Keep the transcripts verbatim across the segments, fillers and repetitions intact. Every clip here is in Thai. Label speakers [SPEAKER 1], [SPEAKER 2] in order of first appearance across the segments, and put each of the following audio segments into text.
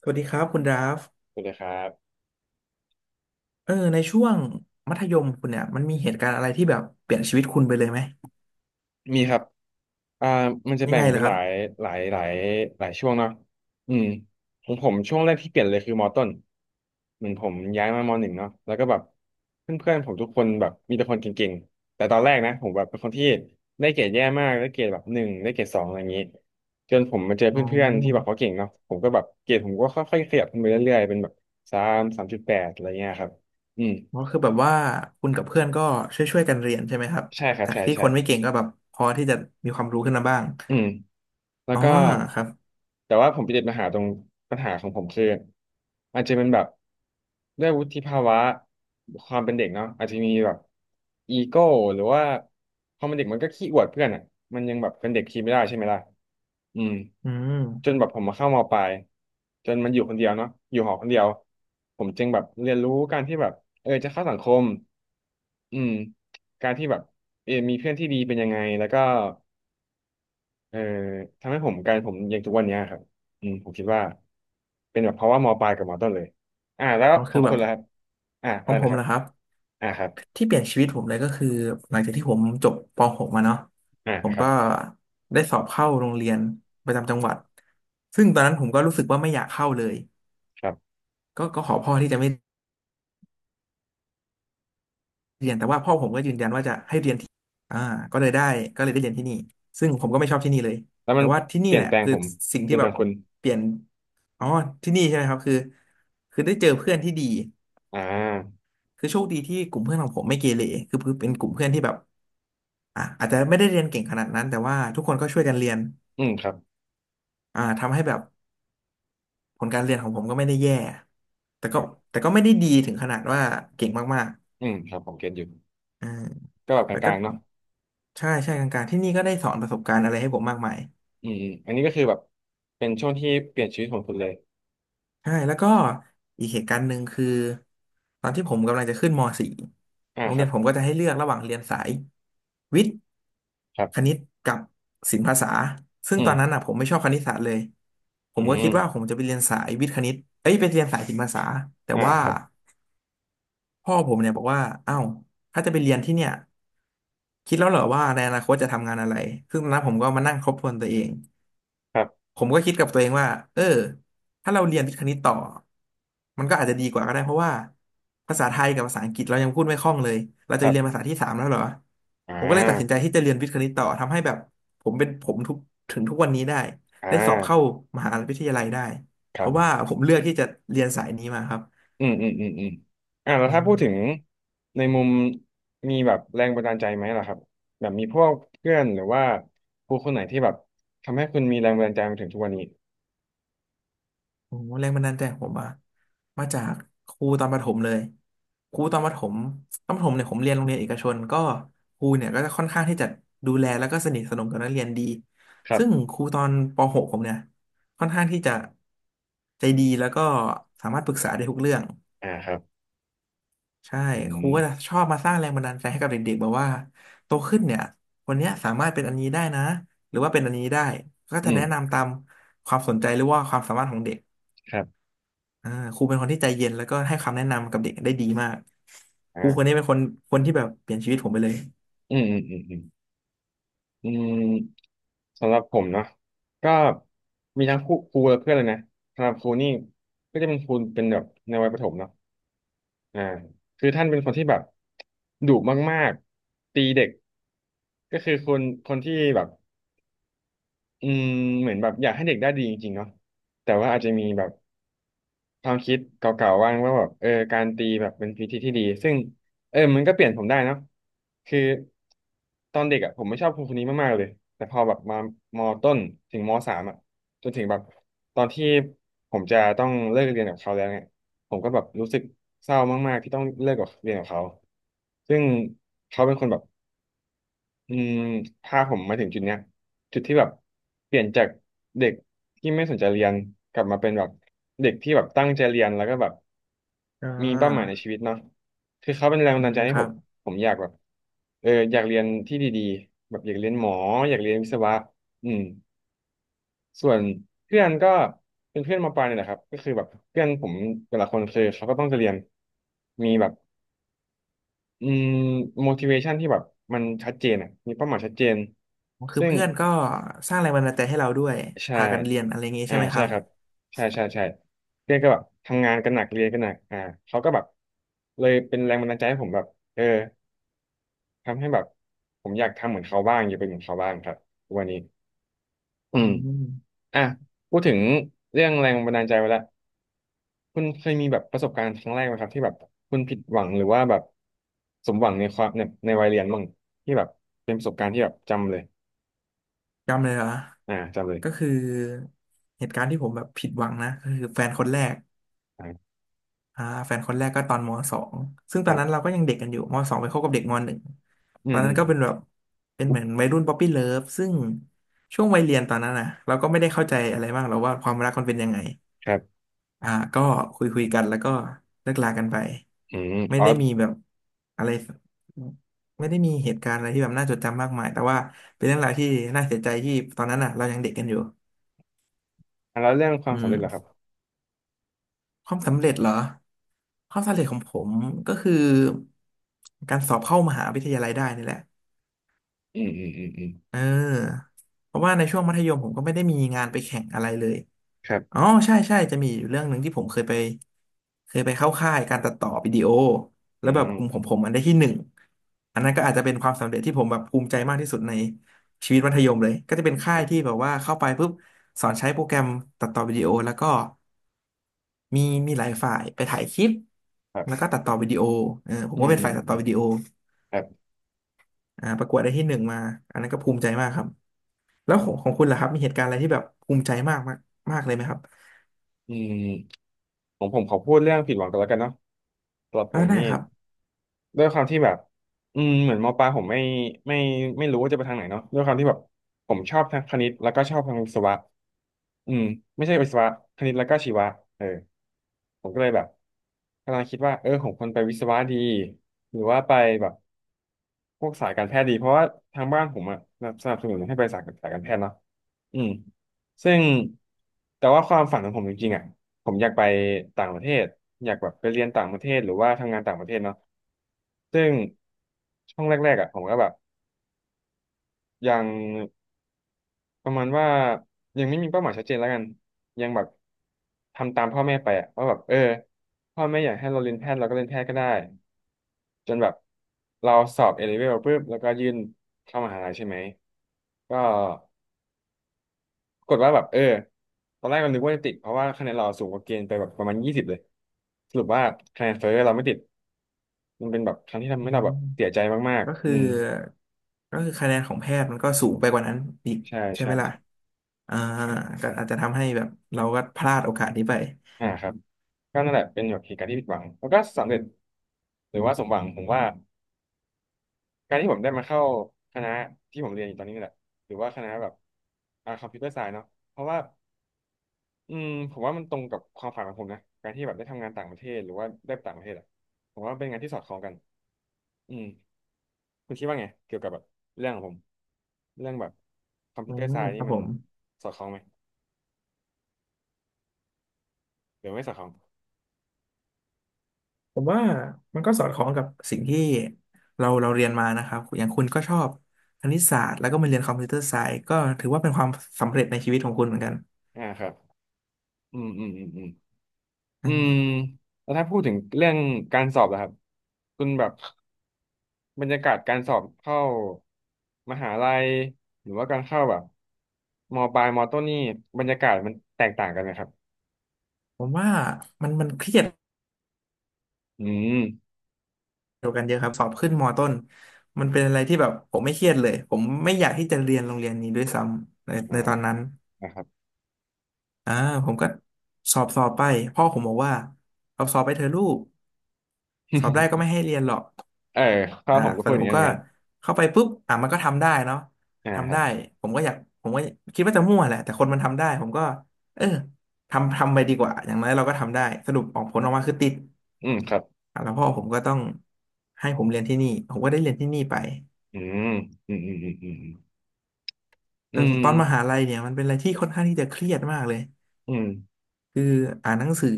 [SPEAKER 1] สวัสดีครับคุณดราฟ
[SPEAKER 2] สวัสดีครับ
[SPEAKER 1] เออในช่วงมัธยมคุณเนี่ยมันมีเหตุการณ์อะไรที่แบบเปลี่ยนชีวิตคุณไปเลยไหม
[SPEAKER 2] มีครับอ่ามันจะ
[SPEAKER 1] ยัง
[SPEAKER 2] แบ่
[SPEAKER 1] ไง
[SPEAKER 2] ง
[SPEAKER 1] เหร
[SPEAKER 2] เป็
[SPEAKER 1] อ
[SPEAKER 2] น
[SPEAKER 1] ค
[SPEAKER 2] ห
[SPEAKER 1] รั
[SPEAKER 2] ลา
[SPEAKER 1] บ
[SPEAKER 2] ยหลายหลายหลายช่วงเนาะอืมของผมช่วงแรกที่เปลี่ยนเลยคือมอต้นเหมือนผมย้ายมามอหนึ่งเนาะแล้วก็แบบเพื่อนๆผมทุกคนแบบมีแต่คนเก่งๆแต่ตอนแรกนะผมแบบเป็นคนที่ได้เกรดแย่มากได้เกรดแบบหนึ่งได้เกรดสองอะไรอย่างนี้จนผมมาเจอ
[SPEAKER 1] อ๋อ
[SPEAKER 2] เพื่อนๆที่แบบเขาเก่งเนาะผมก็แบบเกรดผมก็ค่อยๆขยับขึ้นไปเรื่อยๆเป็นแบบสามสามจุดแปดอะไรเงี้ยครับอืม
[SPEAKER 1] ก็คือแบบว่าคุณกับเพื่อนก็ช่วยๆกันเรียนใช่ไหมครับ
[SPEAKER 2] ใช่ครับ
[SPEAKER 1] จาก
[SPEAKER 2] ใช่
[SPEAKER 1] ที่
[SPEAKER 2] ใช่
[SPEAKER 1] คนไม่เก่งก็แบบพอที่จะมีความรู้ขึ้นมาบ้าง
[SPEAKER 2] อืม แล้ว
[SPEAKER 1] อ๋อ
[SPEAKER 2] ก็
[SPEAKER 1] ครับ
[SPEAKER 2] แต่ว่าผมไปติดปัญหาตรงปัญหาของผมคืออาจจะเป็นแบบด้วยวุฒิภาวะความเป็นเด็กเนาะอาจจะมีแบบอีโก้หรือว่าพอมันเด็กมันก็ขี้อวดเพื่อนอ่ะมันยังแบบเป็นเด็กขี้ไม่ได้ใช่ไหมล่ะอืม
[SPEAKER 1] อืม
[SPEAKER 2] จนแบบผมมาเข้ามปลายจนมันอยู่คนเดียวเนาะอยู่หอคนเดียวผมจึงแบบเรียนรู้การที่แบบเออจะเข้าสังคมอืมการที่แบบเออมีเพื่อนที่ดีเป็นยังไงแล้วก็ เออทำให้ผมกลายเป็นผมอย่างทุกวันเนี้ยครับอืมผมคิดว่าเป็นแบบเพราะว่ามปลายกับมต้นเลยอ่าแล้ว
[SPEAKER 1] อ๋อ
[SPEAKER 2] ขอ
[SPEAKER 1] คือ
[SPEAKER 2] ง
[SPEAKER 1] แบ
[SPEAKER 2] คุณ
[SPEAKER 1] บ
[SPEAKER 2] ล่ะครับอ่า
[SPEAKER 1] ข
[SPEAKER 2] อะ
[SPEAKER 1] อ
[SPEAKER 2] ไร
[SPEAKER 1] งผ
[SPEAKER 2] นะ
[SPEAKER 1] ม
[SPEAKER 2] ครับ
[SPEAKER 1] นะครับ
[SPEAKER 2] อ่าครับ
[SPEAKER 1] ที่เปลี่ยนชีวิตผมเลยก็คือหลังจากที่ผมจบป .หก มาเนาะ
[SPEAKER 2] อ่า
[SPEAKER 1] ผม
[SPEAKER 2] ครับ
[SPEAKER 1] ก็ได้สอบเข้าโรงเรียนประจำจังหวัดซึ่งตอนนั้นผมก็รู้สึกว่าไม่อยากเข้าเลย
[SPEAKER 2] ครับ
[SPEAKER 1] ก็ก็ขอพ่อที่จะไม่ เรียนแต่ว่าพ่อผมก็ยืนยันว่าจะให้เรียนที่อ่าก็เลยได้ก็เลยได้เรียนที่นี่ซึ่งผมก็ไม่ชอบที่นี่เลย
[SPEAKER 2] แล้ว
[SPEAKER 1] แต่
[SPEAKER 2] มัน
[SPEAKER 1] ว่าที่
[SPEAKER 2] เป
[SPEAKER 1] นี่
[SPEAKER 2] ลี่
[SPEAKER 1] แห
[SPEAKER 2] ยน
[SPEAKER 1] ละ
[SPEAKER 2] แปลง
[SPEAKER 1] คือ
[SPEAKER 2] ผม
[SPEAKER 1] สิ่ง
[SPEAKER 2] เป
[SPEAKER 1] ที่
[SPEAKER 2] ลี่ยนแป
[SPEAKER 1] แบ
[SPEAKER 2] ล
[SPEAKER 1] บ
[SPEAKER 2] งคุณ
[SPEAKER 1] เปลี่ยนอ๋อที่นี่ใช่ไหมครับคือคือได้เจอเพื่อนที่ดี
[SPEAKER 2] อ่า
[SPEAKER 1] คือโชคดีที่กลุ่มเพื่อนของผมไม่เกเรคือเป็นกลุ่มเพื่อนที่แบบอ่ะอาจจะไม่ได้เรียนเก่งขนาดนั้นแต่ว่าทุกคนก็ช่วยกันเรียน
[SPEAKER 2] อืมครับ
[SPEAKER 1] อ่าทำให้แบบผลการเรียนของผมก็ไม่ได้แย่แต่ก็
[SPEAKER 2] ครับ
[SPEAKER 1] แต่ก็ไม่ได้ดีถึงขนาดว่าเก่งมาก
[SPEAKER 2] อืมครับผมเก็ตอยู่
[SPEAKER 1] ๆอ่า
[SPEAKER 2] ก็แบบก
[SPEAKER 1] แล้วก็
[SPEAKER 2] ลางๆเนาะ
[SPEAKER 1] ใช่ใช่กลางๆที่นี่ก็ได้สอนประสบการณ์อะไรให้ผมมากมาย
[SPEAKER 2] อืมอมอันนี้ก็คือแบบเป็นช่วงที่เปลี่ยนชีวิตของคุณเลย
[SPEAKER 1] ใช่แล้วก็อีกเหตุการณ์หนึ่งคือตอนที่ผมกำลังจะขึ้นม .สี่
[SPEAKER 2] อ่า
[SPEAKER 1] โรง
[SPEAKER 2] ค
[SPEAKER 1] เรี
[SPEAKER 2] รั
[SPEAKER 1] ย
[SPEAKER 2] บ
[SPEAKER 1] นผมก็จะให้เลือกระหว่างเรียนสายวิทย์
[SPEAKER 2] ครั
[SPEAKER 1] ค
[SPEAKER 2] บ
[SPEAKER 1] ณิตกับศิลปภาษาซึ่
[SPEAKER 2] อื
[SPEAKER 1] งตอนนั้น
[SPEAKER 2] ม
[SPEAKER 1] อ่ะผมไม่ชอบคณิตศาสตร์เลยผ
[SPEAKER 2] อื
[SPEAKER 1] มก็คิ
[SPEAKER 2] ม
[SPEAKER 1] ดว่าผมจะไปเรียนสายวิทย์คณิตเอ้ยไปเรียนสายศิลปภาษาแต่
[SPEAKER 2] อ่า
[SPEAKER 1] ว่า
[SPEAKER 2] ครับ
[SPEAKER 1] พ่อผมเนี่ยบอกว่าอ้าวถ้าจะไปเรียนที่เนี่ยคิดแล้วเหรอว่าในอนาคตจะทำงานอะไรซึ่งตอนนั้นผมก็มานั่งทบทวนตัวเอง
[SPEAKER 2] ครับ
[SPEAKER 1] ผมก็คิดกับตัวเองว่าเออถ้าเราเรียนวิทย์คณิตต่อ มันก็อาจจะดีกว่าก็ได้เพราะว่าภาษาไทยกับภาษาอังกฤษเรายังพูดไม่คล่องเลยเรา
[SPEAKER 2] ค
[SPEAKER 1] จะไป
[SPEAKER 2] รั
[SPEAKER 1] เรียนภา
[SPEAKER 2] บ
[SPEAKER 1] ษาที่สามแล้วเหรอ
[SPEAKER 2] อ่
[SPEAKER 1] ผมก็เลยตัดสินใจ
[SPEAKER 2] า
[SPEAKER 1] ที่จะเรียนวิทย์คณิตต่อทำให้แบบผมเป็นผมทุกถึงทุกวันนี้ได้
[SPEAKER 2] อ่
[SPEAKER 1] ได้สอบเข้า
[SPEAKER 2] า
[SPEAKER 1] มหาวิทยาลัยได้
[SPEAKER 2] ค
[SPEAKER 1] เพ
[SPEAKER 2] รับ
[SPEAKER 1] ราะ
[SPEAKER 2] ผม
[SPEAKER 1] ว่าผมเลือกที่จะเรียนสายนี้มาครับ
[SPEAKER 2] อืมอืมอืมอืมอ่าแล้
[SPEAKER 1] อื
[SPEAKER 2] วถ้า
[SPEAKER 1] ม
[SPEAKER 2] พูดถึงในมุมมีแบบแรงบันดาลใจไหมล่ะครับแบบมีพวกเพื่อนหรือว่าครูคนไหนที่แบบทำให้คุณมีแรงบันดาลใจมาถึงทุกวันนี้
[SPEAKER 1] โอ้โหแรงบันดาลใจของผมอะมาจากครูตอนประถมเลยครูตอนประถมตอนประถมเนี่ยผมเรียนโรงเรียนเอกชนก็ครูเนี่ยก็จะค่อนข้างที่จะดูแลแล้วก็สนิทสนมกับนักเรียนดี
[SPEAKER 2] ครับ
[SPEAKER 1] ซึ่งครูตอนป .หก ผมเนี่ยค่อนข้างที่จะใจดีแล้วก็สามารถปรึกษาได้ทุกเรื่อง
[SPEAKER 2] อ่าครับ
[SPEAKER 1] ใช่
[SPEAKER 2] อื
[SPEAKER 1] ครู
[SPEAKER 2] ม
[SPEAKER 1] ก็จะชอบมาสร้างแรงบันดาลใจให้กับเด็กๆแบบว่าโตขึ้นเนี่ยวันเนี้ยสามารถเป็นอันนี้ได้นะหรือว่าเป็นอันนี้ได้ก็
[SPEAKER 2] อื
[SPEAKER 1] จะ
[SPEAKER 2] ม
[SPEAKER 1] แนะนำตามความสนใจหรือว่าความสามารถของเด็ก
[SPEAKER 2] ครับ
[SPEAKER 1] อ่าครูเป็นคนที่ใจเย็นแล้วก็ให้คำแนะนำกับเด็กได้ดีมาก
[SPEAKER 2] อ่
[SPEAKER 1] ครูคนนี้
[SPEAKER 2] า
[SPEAKER 1] เป็นคนคนที่แบบเปลี่ยนชีวิตผมไปเลย
[SPEAKER 2] อืมอืมอืมอืมอืมสำหรับผมเนาะก็มีทั้งครูครูและเพื่อนเลยนะสำหรับครูนี่ก็จะเป็นครูเป็นแบบในวัยประถมเนาะ อ่าคือท่านเป็นคนที่แบบดุมากๆตีเด็กก็คือคนคนที่แบบอืมเหมือนแบบอยากให้เด็กได้ดีจริงๆเนาะแต่ว่าอาจจะมีแบบ ความคิดเก่าๆบ้างว่าแบบเออการตีแบบเป็นวิธีที่ดีซึ่งเออมันก็เปลี่ยนผมได้เนอะคือตอนเด็กอ่ะผมไม่ชอบครูคนนี้มากๆเลยแต่พอแบบมามอต้นถึงมสามอ่ะจนถึงแบบตอนที่ผมจะต้องเลิกเรียนกับเขาแล้วเนี่ยผมก็แบบรู้สึกเศร้ามากๆที่ต้องเลิกกับเรียนกับเขาซึ่งเขาเป็นคนแบบ อืมพาผมมาถึงจุดเนี้ยจุดที่แบบเปลี่ยนจากเด็กที่ไม่สนใจเรียนกลับมาเป็นแบบเด็กที่แบบตั้งใจเรียนแล้วก็แบบ
[SPEAKER 1] อ่
[SPEAKER 2] มีเป้าหมายใน
[SPEAKER 1] า
[SPEAKER 2] ชีวิตเนาะคือเขาเป็นแรงบั
[SPEAKER 1] อื
[SPEAKER 2] นดาล
[SPEAKER 1] ม
[SPEAKER 2] ใจให้
[SPEAKER 1] ค
[SPEAKER 2] ผ
[SPEAKER 1] รั
[SPEAKER 2] ม
[SPEAKER 1] บ
[SPEAKER 2] ผมอยากแบบเอออยากเรียนที่ดีๆแบบอยากเรียนหมออยากเรียนวิศวะอืมส่วนเพื่อนก็เป็นเพื่อนมปลายเนี่ยแหละครับก็คือแบบเพื่อนผมแต่ละคนคือเขาก็ต้องจะเรียนมีแบบอืม motivation ที่แบบมันชัดเจนอ่ะมีเป้าหมายชัดเจน
[SPEAKER 1] คือ
[SPEAKER 2] ซึ่ง
[SPEAKER 1] เพื่อนก็สร้างแรงบันดาลใจให้เราด้วย
[SPEAKER 2] ใช่
[SPEAKER 1] พากันเรียนอะไรอย่างงี้
[SPEAKER 2] อ่า
[SPEAKER 1] ใช่ไหมค
[SPEAKER 2] ใช่
[SPEAKER 1] รับ
[SPEAKER 2] ครับใช่ใช่ใช่เพื่อนก็แบบทำงานกันหนักเรียนกันหนักอ่าเขาก็แบบเลยเป็นแรงบันดาลใจให้ผมแบบเออทำให้แบบผมอยากทำเหมือนเขาบ้างอยากเป็นเหมือนเขาบ้างครับวันนี้อื
[SPEAKER 1] อื
[SPEAKER 2] ม
[SPEAKER 1] ม
[SPEAKER 2] อ่ะพูดถึงเรื่องแรงบันดาลใจไปแล้วคุณเคยมีแบบประสบการณ์ครั้งแรกไหมครับที่แบบคุณผิดหวังหรือว่าแบบสมหวังในความในในวัยเรียนบ้างที่แบบเป็นประสบการณ์ที่แบบจำเลย
[SPEAKER 1] จำเลยเหรอ
[SPEAKER 2] อ่าจำเลย
[SPEAKER 1] ก็คือเหตุการณ์ที่ผมแบบผิดหวังนะก็คือแฟนคนแรก
[SPEAKER 2] อ่า
[SPEAKER 1] อ่าแฟนคนแรกก็ตอนมสองซึ่ง
[SPEAKER 2] ค
[SPEAKER 1] ตอน
[SPEAKER 2] รั
[SPEAKER 1] นั้น
[SPEAKER 2] บ
[SPEAKER 1] เราก็ยังเด็กกันอยู่มสองไปคบกับเด็กมหนึ่ง
[SPEAKER 2] อื
[SPEAKER 1] ตอ
[SPEAKER 2] ม
[SPEAKER 1] น
[SPEAKER 2] อื
[SPEAKER 1] นั้น
[SPEAKER 2] ม
[SPEAKER 1] ก็เป็นแบบ เป็นเหมือนวัยรุ่นป๊อปปี้เลิฟซึ่งช่วงวัยเรียนตอนนั้นนะเราก็ไม่ได้เข้าใจอะไรมากหรอกว่าความรักมันเป็นยังไง
[SPEAKER 2] ครับ
[SPEAKER 1] อ่าก็คุยคุยกันแล้วก็เลิกลากันไป
[SPEAKER 2] อืม
[SPEAKER 1] ไม่
[SPEAKER 2] อ๋อ
[SPEAKER 1] ได้มีแบบอะไรไม่ได้มีเหตุการณ์อะไรที่แบบน่าจดจำมากมาย แต่ว่าเป็นเรื่องราวที่น่าเสียใจที่ตอนนั้นอ่ะเรายังเด็กกันอยู่
[SPEAKER 2] อ่ะแล้วเรื่องความ
[SPEAKER 1] อื
[SPEAKER 2] สำเร็จล่ะครับ
[SPEAKER 1] ม ความสำเร็จเหรอความสำเร็จของผมก็คือการสอบเข้ามหาวิทยาลัยได้นี่แหละ
[SPEAKER 2] อืมอืมอืมอืม
[SPEAKER 1] เออเพราะว่าในช่วงมัธยมผมก็ไม่ได้มีงานไปแข่งอะไรเลย
[SPEAKER 2] ครั
[SPEAKER 1] อ๋
[SPEAKER 2] บ
[SPEAKER 1] อใช่ใช่จะมีอยู่เรื่องหนึ่งที่ผมเคยไปเคยไปเข้าค่ายการตัดต่อวิดีโอแล้
[SPEAKER 2] อื
[SPEAKER 1] วแบบ
[SPEAKER 2] ม
[SPEAKER 1] กลุ่มของผมมันได้ที่หนึ่งอันนั้นก็อาจจะเป็นความสำเร็จที่ผมแบบภูมิใจมากที่สุดในชีวิตมัธยมเลยก็จะเป็นค่ายที่แบบว่าเข้าไปปุ๊บสอนใช้โปรแกรมตัดต่อวิดีโอแล้วก็ มีมีหลายฝ่ายไปถ่ายคลิป
[SPEAKER 2] ครั
[SPEAKER 1] แล้วก็
[SPEAKER 2] บ
[SPEAKER 1] ตัดต่อวิดีโอเออผม
[SPEAKER 2] อื
[SPEAKER 1] ก็
[SPEAKER 2] ม
[SPEAKER 1] เป็น
[SPEAKER 2] อืม
[SPEAKER 1] ฝ่าย
[SPEAKER 2] อื
[SPEAKER 1] ตั
[SPEAKER 2] ม
[SPEAKER 1] ด
[SPEAKER 2] อื
[SPEAKER 1] ต่อ
[SPEAKER 2] ม
[SPEAKER 1] วิดีโอ
[SPEAKER 2] ครับ
[SPEAKER 1] อ่าประกวดได้ที่หนึ่งมาอันนั้นก็ภูมิใจมากครับแล้วของของคุณล่ะครับมีเหตุการณ์อะไรที่แบบภูมิใจมากมากมากเลยไหมครับ
[SPEAKER 2] อืมผมผมขอพูดเรื่องผิดหวังกันแล้วกันเนาะสำหรับ
[SPEAKER 1] เอ
[SPEAKER 2] ผ
[SPEAKER 1] อ
[SPEAKER 2] ม
[SPEAKER 1] ได้
[SPEAKER 2] นี่
[SPEAKER 1] ครับ
[SPEAKER 2] ด้วยความที่แบบอืมเหมือนมปลายผมไม่ไม่ไม่รู้ว่าจะไปทางไหนเนาะด้วยความที่แบบผมชอบทางคณิตแล้วก็ชอบทางวิศวะอืมไม่ใช่วิศวะคณิตแล้วก็ชีวะเออ ผมก็เลยแบบกำลังคิดว่าเออผมควรไปวิศวะดีหรือว่าไปแบบพวกสายการแพทย์ดีเพราะว่าทางบ้านผมอะสนับสนุนให้ไปสายสายการแพทย์เนาะอืมซึ่งแต่ว่าความฝันของผมจริงๆอะผมอยากไปต่างประเทศอยากแบบไปเรียนต่างประเทศหรือว่าทำงานต่างประเทศเนาะซึ่งช่วงแรกๆอะผมก็แบบยัง ประมาณว่ายังไม่มีเป้าหมายชัดเจนแล้วกันยังแบบทำตามพ่อแม่ไปอะว่าแบบเออพ่อแม่อยากให้เราเรียนแพทย์เราก็เรียนแพทย์ก็ได้จนแบบเราสอบเอเลเวลปุ๊บแล้วก็ยื่นเข้ามหาลัยใช่ไหมก็ปรากฏว่าแบบเออตอนแรกเรานึกว่าจะติดเพราะว่าคะแนนเราสูงกว่าเกณฑ์ไปแบบประมาณยี่สิบเลยสรุปว่าคะแนนเฟ้อเราไม่ติดมันเป็นแบบครั้งที่ทำ
[SPEAKER 1] อื
[SPEAKER 2] ให้เราแบบเสีย
[SPEAKER 1] ม
[SPEAKER 2] ใจมาก
[SPEAKER 1] ก็
[SPEAKER 2] ๆอื
[SPEAKER 1] คือ
[SPEAKER 2] ม
[SPEAKER 1] ก็คือคะแนนของแพทย์มันก็สูงไปกว่านั้นอีก
[SPEAKER 2] ใช่
[SPEAKER 1] ใช่ไห
[SPEAKER 2] ใช่
[SPEAKER 1] มล่ะอ่าก็อาจจะทำให้แบบเราก็พลาดโอกาสนี้ไป
[SPEAKER 2] อ่าครับก็นั่นแหละเป็นแบบเหตุการณ์ที่ผิดหวังแล้วก็สำเร็จหรือว่าสมหวังผมว่าการที่ผมได้มาเข้าคณะที่ผมเรียนอยู่ตอนนี้นี่แหละหรือว่าคณะแบบอ่าคอมพิวเตอร์ไซน์เนาะเพราะว่าอืมผมว่ามันตรงกับความฝันของผมนะการที่แบบได้ทำงานต่างประเทศหรือว่าได้ไปต่างประเทศอะผมว่าเป็นงานที่สอดคล้องกันอืมคุณคิดว่าไงเกี่ยวกับแบบเรื่องของผมเรื่องแบบคอมพิ
[SPEAKER 1] อื
[SPEAKER 2] วเตอร์
[SPEAKER 1] ม
[SPEAKER 2] ไซน์
[SPEAKER 1] ค
[SPEAKER 2] นี่
[SPEAKER 1] รับ
[SPEAKER 2] มั
[SPEAKER 1] ผ
[SPEAKER 2] น
[SPEAKER 1] ม
[SPEAKER 2] สอดคล้องไหมหรือไม่สอดคล้อง
[SPEAKER 1] ผมว่ามันก็สอดคล้องกับสิ่งที่เราเราเรียนมานะครับอย่างคุณก็ชอบคณิตศาสตร์แล้วก็มาเรียนคอมพิวเตอร์ไซส์ก็ถือว่าเป็นความสำเร็จในชีวิตของคุณเหมือนกัน
[SPEAKER 2] อ่าครับอืมอืมอืมอืม
[SPEAKER 1] อื
[SPEAKER 2] อืม
[SPEAKER 1] ม
[SPEAKER 2] แล้วถ้าพูดถึงเรื่องการสอบล่ะครับคุณแบบบรรยากาศการสอบเข้ามหาลัยหรือว่าการเข้าแบบมปลายมต้นนี่บรรยากาศมันแตกต่างกันไหมครับ
[SPEAKER 1] ผมว่ามันมันเครียด
[SPEAKER 2] อืม
[SPEAKER 1] เกี่ยวกันเยอะครับสอบขึ้นมต้นมันเป็นอะไรที่แบบผมไม่เครียดเลยผมไม่อยากที่จะเรียนโรงเรียนนี้ด้วยซ้ำใน
[SPEAKER 2] อ่า
[SPEAKER 1] ในตอนนั้น
[SPEAKER 2] นะครับ
[SPEAKER 1] อ่าผมก็สอบสอบไปพ่อผมบอกว่าสอบสอบไปเถอะลูกสอบได้ก็ไม่ ให้เรียนหรอก
[SPEAKER 2] เออข้าว
[SPEAKER 1] อ่า
[SPEAKER 2] ผมก็
[SPEAKER 1] เสร็
[SPEAKER 2] พู
[SPEAKER 1] จ
[SPEAKER 2] ด
[SPEAKER 1] แล้
[SPEAKER 2] อ
[SPEAKER 1] ว
[SPEAKER 2] ย่าง
[SPEAKER 1] ผม
[SPEAKER 2] นี้นเหมื
[SPEAKER 1] ก็
[SPEAKER 2] อนกัน
[SPEAKER 1] เข้าไปปุ๊บอ่ะมันก็ทำได้เนาะ
[SPEAKER 2] อ่าค
[SPEAKER 1] ทำ
[SPEAKER 2] รั
[SPEAKER 1] ได้
[SPEAKER 2] บ
[SPEAKER 1] ผมก็อยากผมก็คิดว่าจะมั่วแหละแต่คนมันทำได้ผมก็เออทำทำไปดีกว่าอย่างน้อยเราก็ทำได้สรุปออกผลออกมาคือติด
[SPEAKER 2] อืมครับ
[SPEAKER 1] อ่ะแล้วพ่อผมก็ต้องให้ผมเรียนที่นี่ผมก็ได้เรียนที่นี่ไป
[SPEAKER 2] อืมอืมอืมอืมอื
[SPEAKER 1] แต่
[SPEAKER 2] ม
[SPEAKER 1] ตอนมหาลัยเนี่ยมันเป็นอะไรที่ค่อนข้างที่จะเครียดมากเลย
[SPEAKER 2] อืมอืม
[SPEAKER 1] คืออ่านหนังสือ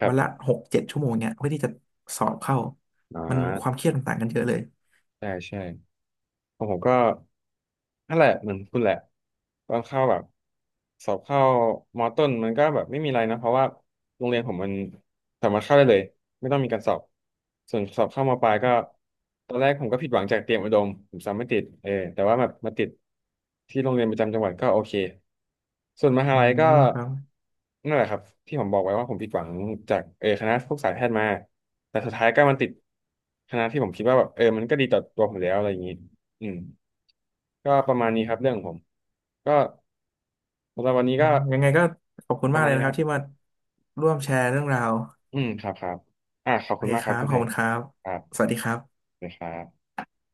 [SPEAKER 2] ครั
[SPEAKER 1] วันละ
[SPEAKER 2] บ
[SPEAKER 1] หกเจ็ดชั่วโมงเนี่ยเพื่อที่จะสอบเข้า
[SPEAKER 2] อ่
[SPEAKER 1] มันความ
[SPEAKER 2] า
[SPEAKER 1] เครียดมันต่างกันเยอะเลย
[SPEAKER 2] ใช่ใช่ ของผมก็นั่นแหละเหมือนคุณแหละตอนเข้าแบบสอบเข้ามอต้นมันก็แบบไม่มีอะไรนะเพราะว่าโรงเรียนผมมันสามารถเข้าได้เลยไม่ต้องมีการสอบส่วนสอบเข้ามอปลายก็ตอนแรกผมก็ผิดหวังจากเตรียมอุดมผมสอบไม่ติดเออแต่ว่าแบบมาติดที่โรงเรียนประจำจังหวัดก็โอเคส่วนมหา
[SPEAKER 1] อื
[SPEAKER 2] ลัยก็
[SPEAKER 1] มครับ
[SPEAKER 2] นั่นแหละครับที่ผมบอกไว้ว่าผมผิดหวังจากเออคณะพวกสายแพทย์มาแต่สุดท้ายก็มันติดคณะที่ผมคิดว่าแบบเออมันก็ดีต่อตัวผมแล้วอะไรอย่างนี้ อืมก็ประมาณนี้ครับเรื่องของผมก็สำหรับวันนี้
[SPEAKER 1] อื
[SPEAKER 2] ก็
[SPEAKER 1] มยังไงก็ขอบคุณ
[SPEAKER 2] ป
[SPEAKER 1] มา
[SPEAKER 2] ระ
[SPEAKER 1] ก
[SPEAKER 2] มาณ
[SPEAKER 1] เลย
[SPEAKER 2] นี้
[SPEAKER 1] นะค
[SPEAKER 2] นะค
[SPEAKER 1] รับ
[SPEAKER 2] รับ
[SPEAKER 1] ที่มาร่วมแชร์เรื่องราว
[SPEAKER 2] อืมครับครับอ่าขอบ
[SPEAKER 1] โอ
[SPEAKER 2] คุ
[SPEAKER 1] เค
[SPEAKER 2] ณมาก
[SPEAKER 1] ค
[SPEAKER 2] ครั
[SPEAKER 1] รั
[SPEAKER 2] บ
[SPEAKER 1] บ
[SPEAKER 2] คุณ
[SPEAKER 1] ขอ
[SPEAKER 2] แพ
[SPEAKER 1] บ
[SPEAKER 2] ง
[SPEAKER 1] คุณครับ
[SPEAKER 2] ครับ
[SPEAKER 1] สวัสดีครับ
[SPEAKER 2] เลยครับ